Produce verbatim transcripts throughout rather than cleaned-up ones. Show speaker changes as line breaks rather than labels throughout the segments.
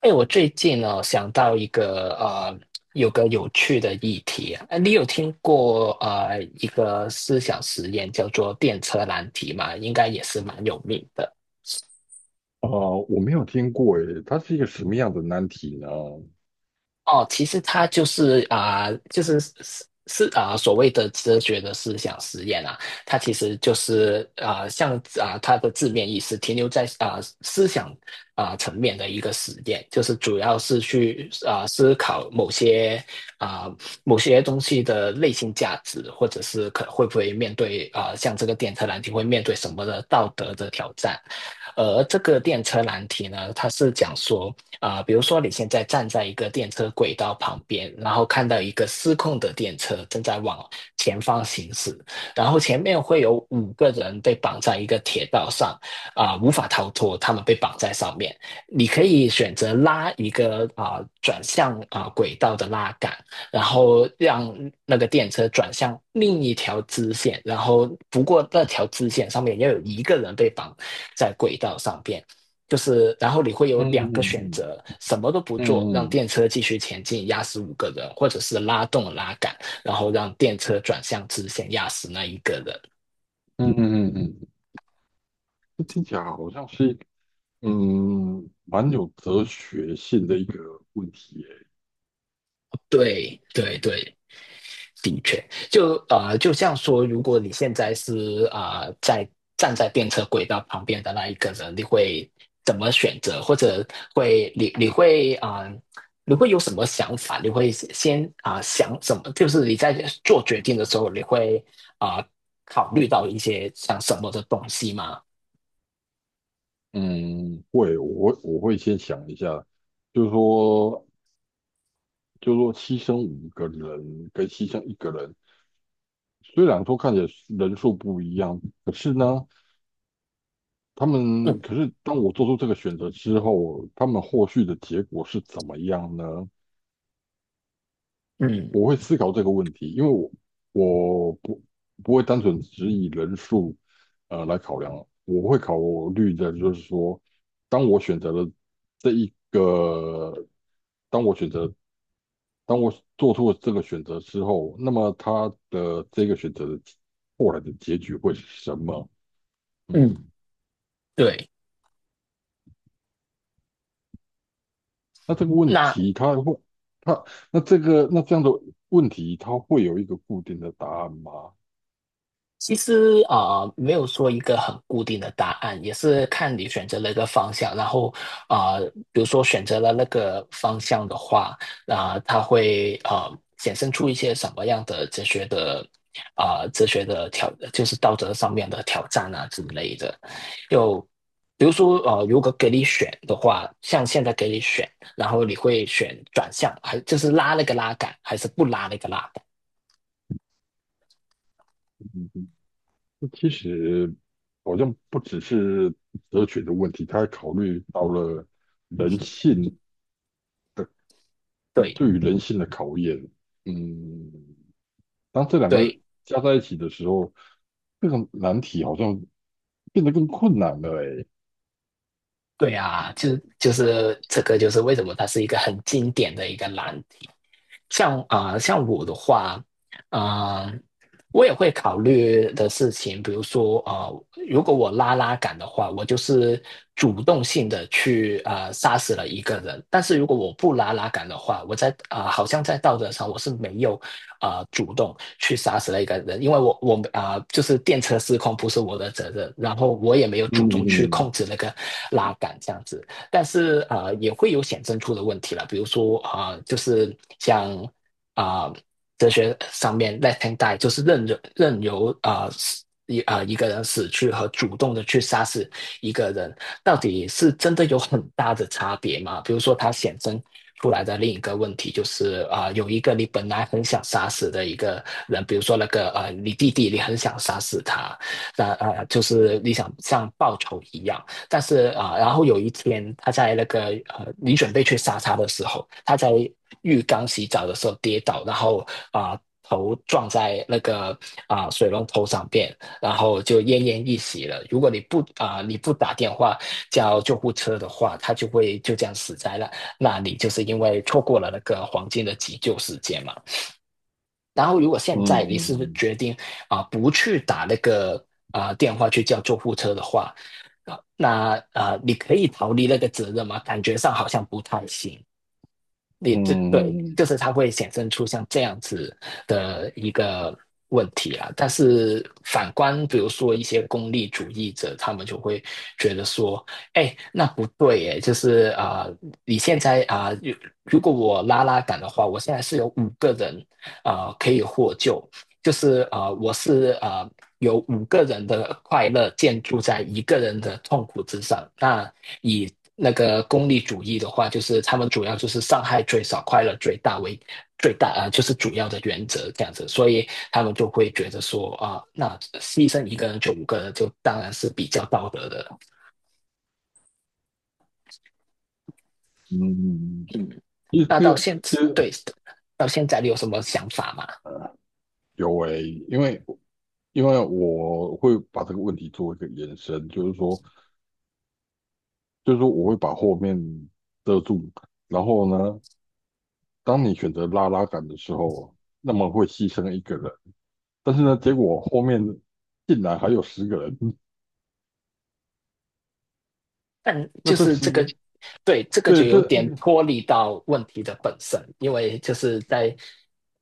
哎，我最近呢想到一个呃，有个有趣的议题啊，呃你有听过呃一个思想实验叫做电车难题吗？应该也是蛮有名的。
啊、我没有听过诶，它是一个什么样的难题呢？
哦，其实它就是啊、就是是是啊、所谓的哲学的思想实验啊，它其实就是啊、像啊、它的字面意思停留在啊、思想啊、层面的一个实验，就是主要是去啊、思考某些啊、某些东西的内心价值，或者是可会不会面对啊、像这个电车难题会面对什么的道德的挑战。而这个电车难题呢，它是讲说，啊、呃比如说你现在站在一个电车轨道旁边，然后看到一个失控的电车正在往前方行驶，然后前面会有五个人被绑在一个铁道上，啊、呃无法逃脱，他们被绑在上面。你可以选择拉一个啊、呃转向啊、呃轨道的拉杆，然后让那个电车转向另一条支线，然后不过那条支线上面要有一个人被绑在轨道上边。就是然后你会有
嗯
两个选
嗯
择，什么都不做，
嗯
让
嗯
电车继续前进，压死五个人，或者是拉动拉杆，然后让电车转向直线，压死那一个人。
嗯嗯嗯嗯，嗯这听起来好像是一个嗯蛮有哲学性的一个问题诶。
对对对，的确，就呃，就像说，如果你现在是啊、呃在站在电车轨道旁边的那一个人，你会怎么选择？或者会你你会啊、呃你会有什么想法？你会先啊、呃想什么？就是你在做决定的时候，你会啊、呃考虑到一些像什么的东西吗？
嗯，会，我会我会先想一下，就是说就是说牺牲五个人跟牺牲一个人，虽然说看起来人数不一样，可是呢，他们可
嗯
是当我做出这个选择之后，他们后续的结果是怎么样呢？
嗯
我会思考这个问题，因为我我不不会单纯只以人数呃来考量，我会考虑的就是说，当我选择了这一个，当我选择，当我做出了这个选择之后，那么他的这个选择的后来的结局会是什么？
嗯，
嗯，
对。
那这个问
那
题它会，它那这个那这样的问题，它会有一个固定的答案吗？
其实啊、呃没有说一个很固定的答案，也是看你选择了一个方向。然后啊、呃比如说选择了那个方向的话，啊、它会啊、呃衍生出一些什么样的哲学的啊、呃哲学的挑，就是道德上面的挑战啊之类的。就比如说呃，如果给你选的话，像现在给你选，然后你会选转向，还就是拉那个拉杆，还是不拉那个拉杆？
嗯，其实好像不只是哲学的问题，他还考虑到了人性，
对
对于人性的考验。嗯，当这两个
对。
加在一起的时候，这个难题好像变得更困难了。哎，
对啊，就就是这个，就是为什么它是一个很经典的一个难题。像啊、呃像我的话，啊、我也会考虑的事情。比如说啊，如果我拉拉杆的话，我就是主动性的去啊，杀死了一个人。但是如果我不拉拉杆的话，我在啊、呃好像在道德上我是没有啊、呃主动去杀死了一个人，因为我我啊、呃就是电车失控不是我的责任，然后我也没有主
嗯
动去控
嗯
制那个拉杆这样子。但是啊、呃也会有显现出的问题了，比如说啊、呃就是像啊、呃哲学上面 let him die，就是任任由啊。死一啊、呃一个人死去和主动的去杀死一个人，到底是真的有很大的差别吗？比如说，它显生出来的另一个问题就是啊、呃有一个你本来很想杀死的一个人，比如说那个呃，你弟弟，你很想杀死他，那呃，啊就是你想像报仇一样。但是啊、然后有一天他在那个呃，你准备去杀他的时候，他在浴缸洗澡的时候跌倒，然后啊、头撞在那个啊、水龙头上边，然后就奄奄一息了。如果你不啊、你不打电话叫救护车的话，他就会就这样死在了。那你就是因为错过了那个黄金的急救时间嘛。然后，如果现在你是
嗯
决定啊、不去打那个啊、电话去叫救护车的话，啊那啊、你可以逃离那个责任吗？感觉上好像不太行。你这对，
嗯嗯
就是它会显现出像这样子的一个问题啦。但是反观，比如说一些功利主义者，他们就会觉得说，哎，那不对，哎，就是啊、呃你现在啊、呃如如果我拉拉杆的话，我现在是有五个人啊、呃可以获救，就是啊、呃我是啊、有五个人的快乐建筑在一个人的痛苦之上。那以那个功利主义的话，就是他们主要就是伤害最少，快乐最大为最大啊、呃就是主要的原则这样子。所以他们就会觉得说啊、那牺牲一个人就五个人，就当然是比较道德的。
嗯，嗯
嗯，
一
那到
个
现对，到现在你有什么想法吗？
有哎，因为因为我会把这个问题做一个延伸，就是说。就是说我会把后面遮住，然后呢，当你选择拉拉杆的时候，那么会牺牲一个人，但是呢，结果后面进来还有十个人，
但
那
就
这
是
是
这个，对，这个
对
就有
这，
点脱离到问题的本身，因为就是在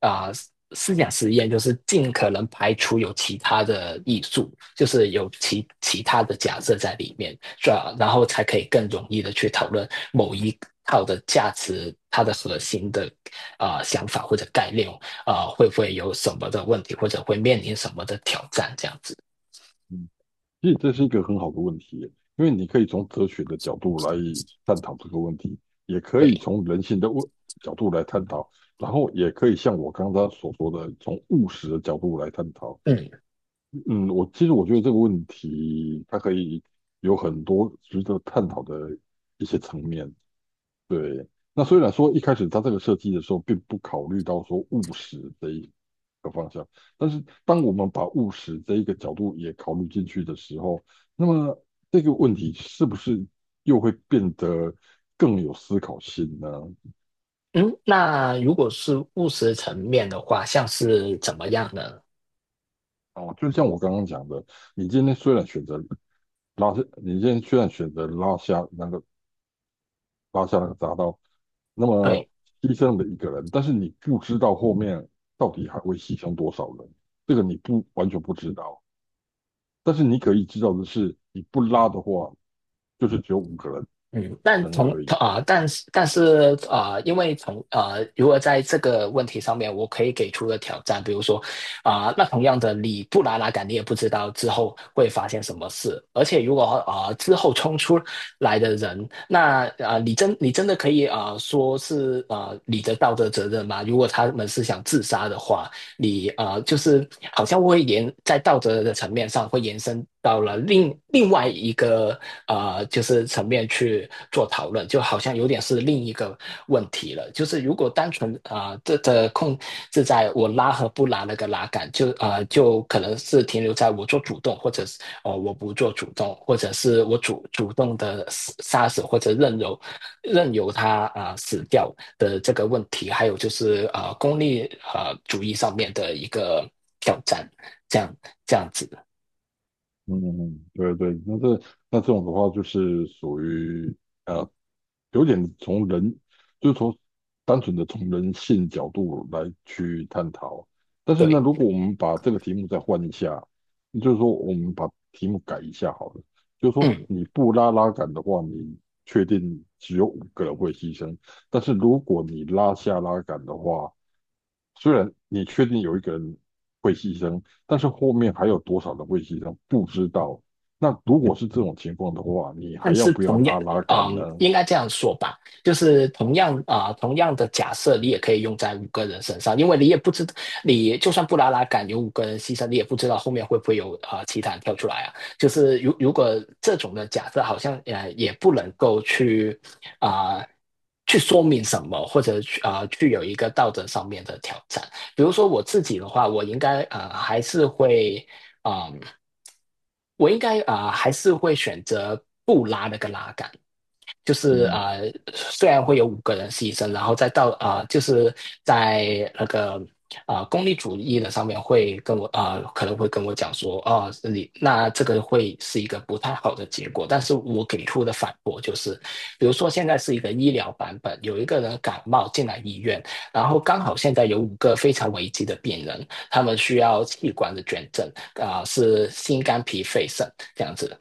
啊、呃思想实验，就是尽可能排除有其他的艺术，就是有其其他的假设在里面，是吧？然后才可以更容易的去讨论某一套的价值，它的核心的啊、呃想法或者概念啊、呃会不会有什么的问题，或者会面临什么的挑战，这样子。
嗯其实这是一个很好的问题耶，因为你可以从哲学的角度来探讨这个问题，也可以
对，
从人性的问角度来探讨，然后也可以像我刚刚所说的，从务实的角度来探讨。
嗯。
嗯，我其实我觉得这个问题，它可以有很多值得探讨的一些层面。对，那虽然说一开始它这个设计的时候，并不考虑到说务实这一个方向，但是当我们把务实这一个角度也考虑进去的时候，那么这个问题是不是又会变得更有思考性呢？
嗯，那如果是务实层面的话，像是怎么样呢？
哦，就像我刚刚讲的，你今天虽然选择拉下，你今天虽然选择拉下那个拉下那个闸刀。那么
对，
牺牲了一个人，但是你不知道后面到底还会牺牲多少人，这个你不完全不知道。但是你可以知道的是，你不拉的话，就是只有五个人
嗯，但
生
从
而已。
啊、但是但是啊、因为从啊、如果在这个问题上面，我可以给出的挑战。比如说啊、那同样的，你不拉拉杆，你也不知道之后会发生什么事，而且如果啊、之后冲出来的人，那啊、你真你真的可以啊、说是啊、你的道德责任吗？如果他们是想自杀的话，你啊，就是好像会延在道德的层面上会延伸到了另另外一个啊，就是层面去做讨论，就好像有点是另一个问题了。就是如果单纯啊、呃，这的控制在我拉和不拉那个拉杆，就啊就可能是停留在我做主动，或者是哦、呃我不做主动，或者是我主主动的杀死或者任由任由他啊、呃死掉的这个问题，还有就是啊、呃功利啊、呃主义上面的一个挑战，这样这样子，
嗯，对对，那这那这种的话，就是属于呃有点从人，就是从单纯的从人性角度来去探讨。但是呢，
对，
如果我们把这个题目再换一下，就是说我们把题目改一下好了，就是说
嗯。
你不拉拉杆的话，你确定只有五个人会牺牲，但是如果你拉下拉杆的话，虽然你确定有一个人会牺牲，但是后面还有多少人会牺牲不知道。那如果是这种情况的话，你还
但
要
是
不要
同样，
拉拉杆呢？
嗯，应该这样说吧，就是同样啊、呃同样的假设，你也可以用在五个人身上，因为你也不知道，你就算布拉拉敢有五个人牺牲，你也不知道后面会不会有啊、呃其他人跳出来啊。就是如如果这种的假设，好像呃也不能够去啊、呃去说明什么，或者去啊、呃去有一个道德上面的挑战。比如说我自己的话，我应该啊还是会啊嗯，我应该啊、呃还是会选择不拉那个拉杆。就是
嗯。
呃，虽然会有五个人牺牲，然后再到啊、呃就是在那个啊、呃功利主义的上面会跟我啊、呃可能会跟我讲说，哦，你那这个会是一个不太好的结果。但是我给出的反驳就是，比如说现在是一个医疗版本，有一个人感冒进来医院，然后刚好现在有五个非常危急的病人，他们需要器官的捐赠，啊、呃是心肝脾肺肾这样子。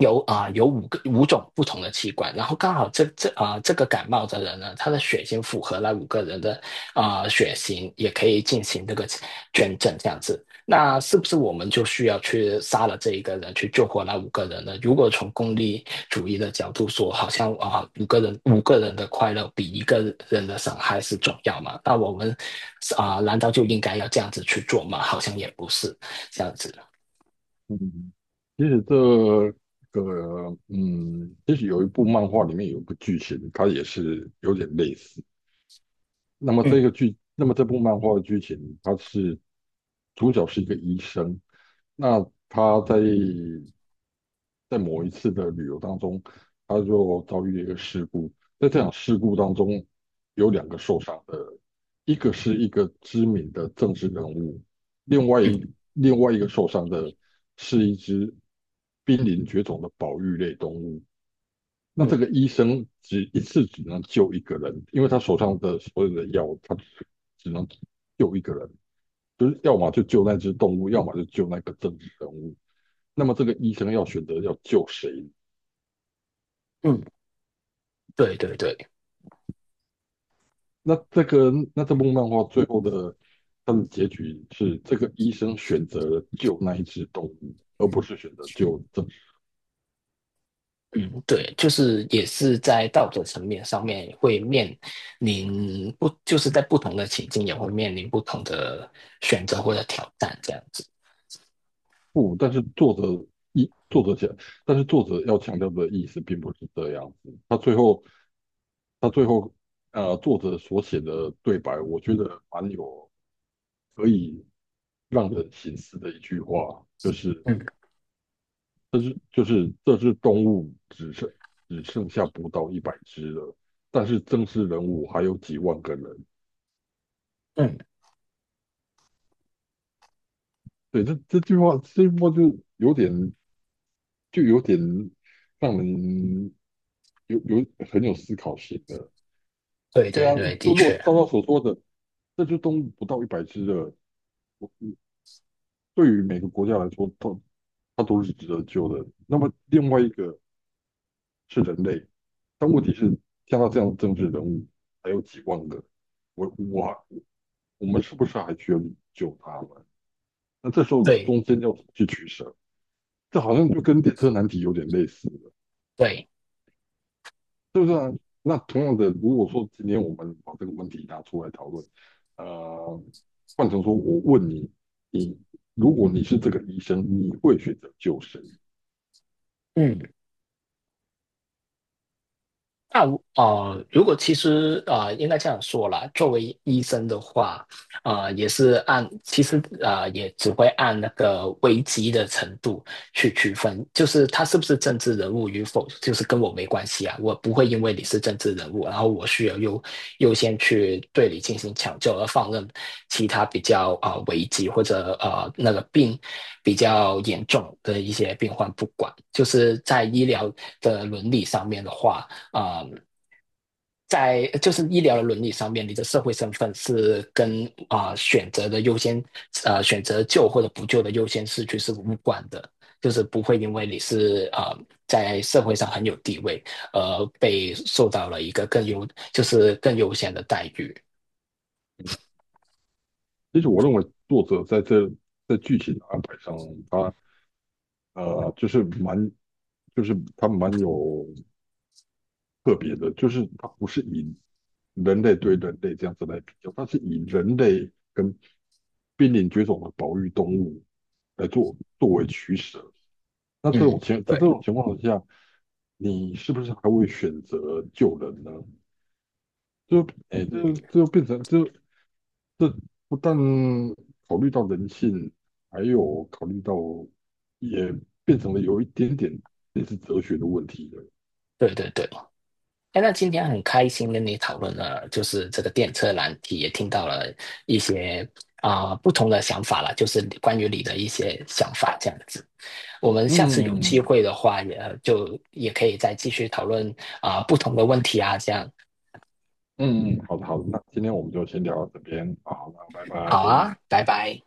有啊、呃有五个五种不同的器官，然后刚好这这啊、呃这个感冒的人呢，他的血型符合那五个人的啊、呃血型，也可以进行这个捐赠这样子。那是不是我们就需要去杀了这一个人，去救活那五个人呢？如果从功利主义的角度说，好像啊、呃五个人五个人的快乐比一个人的伤害是重要嘛？那我们啊、呃难道就应该要这样子去做吗？好像也不是这样子。
嗯，其实这个，嗯，其实有一部漫画里面有个剧情，它也是有点类似。那么这个
嗯
剧，那么这部漫画的剧情，它是主角是一个医生，那他在在某一次的旅游当中，他就遭遇了一个事故。在这场事故当中，有两个受伤的，一个是一个知名的政治人物，另外一
嗯
另外一个受伤的是一只濒临绝种的保育类动物。那这
嗯
个医生只一次只能救一个人，因为他手上的所有的药，他只只能救一个人。就是要么就救那只动物，要么就救那个政治人物。那么这个医生要选择要救谁？
嗯，对对对。
那这个那这部漫画最后的它的结局是，这个医生选择了救那一只动物，而不是选择救政府。
嗯，对，就是也是在道德层面上面会面临不，就是在不同的情境也会面临不同的选择或者挑战这样子。
不，但是作者一作者讲，但是作者要强调的意思并不是这样子。他最后他最后呃，作者所写的对白，我觉得蛮有可以让人醒思的一句话，就是
嗯
这是就是这只动物只剩只剩下不到一百只了，但是正式人物还有几万个人。
嗯，
对，这这句话，这句话就有点就有点让人有有很有思考性的。
对
对
对
啊，
对，
就
的
如果
确，
照他所说的，这只动物不到一百只了，对于每个国家来说，它它都是值得救的。那么另外一个是人类，但问题是像他这样的政治人物还有几万个，我我我们是不是还需要救他们？那这时候
对
中间要怎么去取舍？这好像就跟列车难题有点类似的，
对，
是不是啊？那同样的，如果说今天我们把这个问题拿出来讨论，呃，换成说我问你，你如果你是这个医生，你会选择救谁？
嗯。那我呃，如果其实呃，应该这样说啦，作为医生的话，呃，也是按其实呃，也只会按那个危机的程度去区分。就是他是不是政治人物与否，就是跟我没关系啊，我不会因为你是政治人物，然后我需要优优先去对你进行抢救，而放任其他比较啊危机或者呃那个病比较严重的一些病患不管，就是在医疗的伦理上面的话。啊、呃在就是医疗的伦理上面，你的社会身份是跟啊、呃选择的优先，呃选择救或者不救的优先次序是无关的，就是不会因为你是啊、呃在社会上很有地位，而被受到了一个更优就是更优先的待遇。
其实我认为作者在这在剧情的安排上，他呃就是蛮就是他蛮有特别的，就是它不是以人类对人类这样子来比较，它是以人类跟濒临绝种的保育动物来做作为取舍。那这种
嗯，
情在
对，
这种情况下，你是不是还会选择救人呢？就哎，诶这
嗯，
这就变成这这不但考虑到人性，还有考虑到也变成了有一点点类似哲学的问题了。
对对对。哎，那今天很开心跟你讨论了，就是这个电车难题，也听到了一些啊、不同的想法了，就是关于你的一些想法这样子。我们下次有机
嗯，
会的话也，就也可以再继续讨论啊、不同的问题啊，这样。
嗯嗯，好的好的，那今天我们就先聊到这边，好，那拜拜。
好啊，拜拜。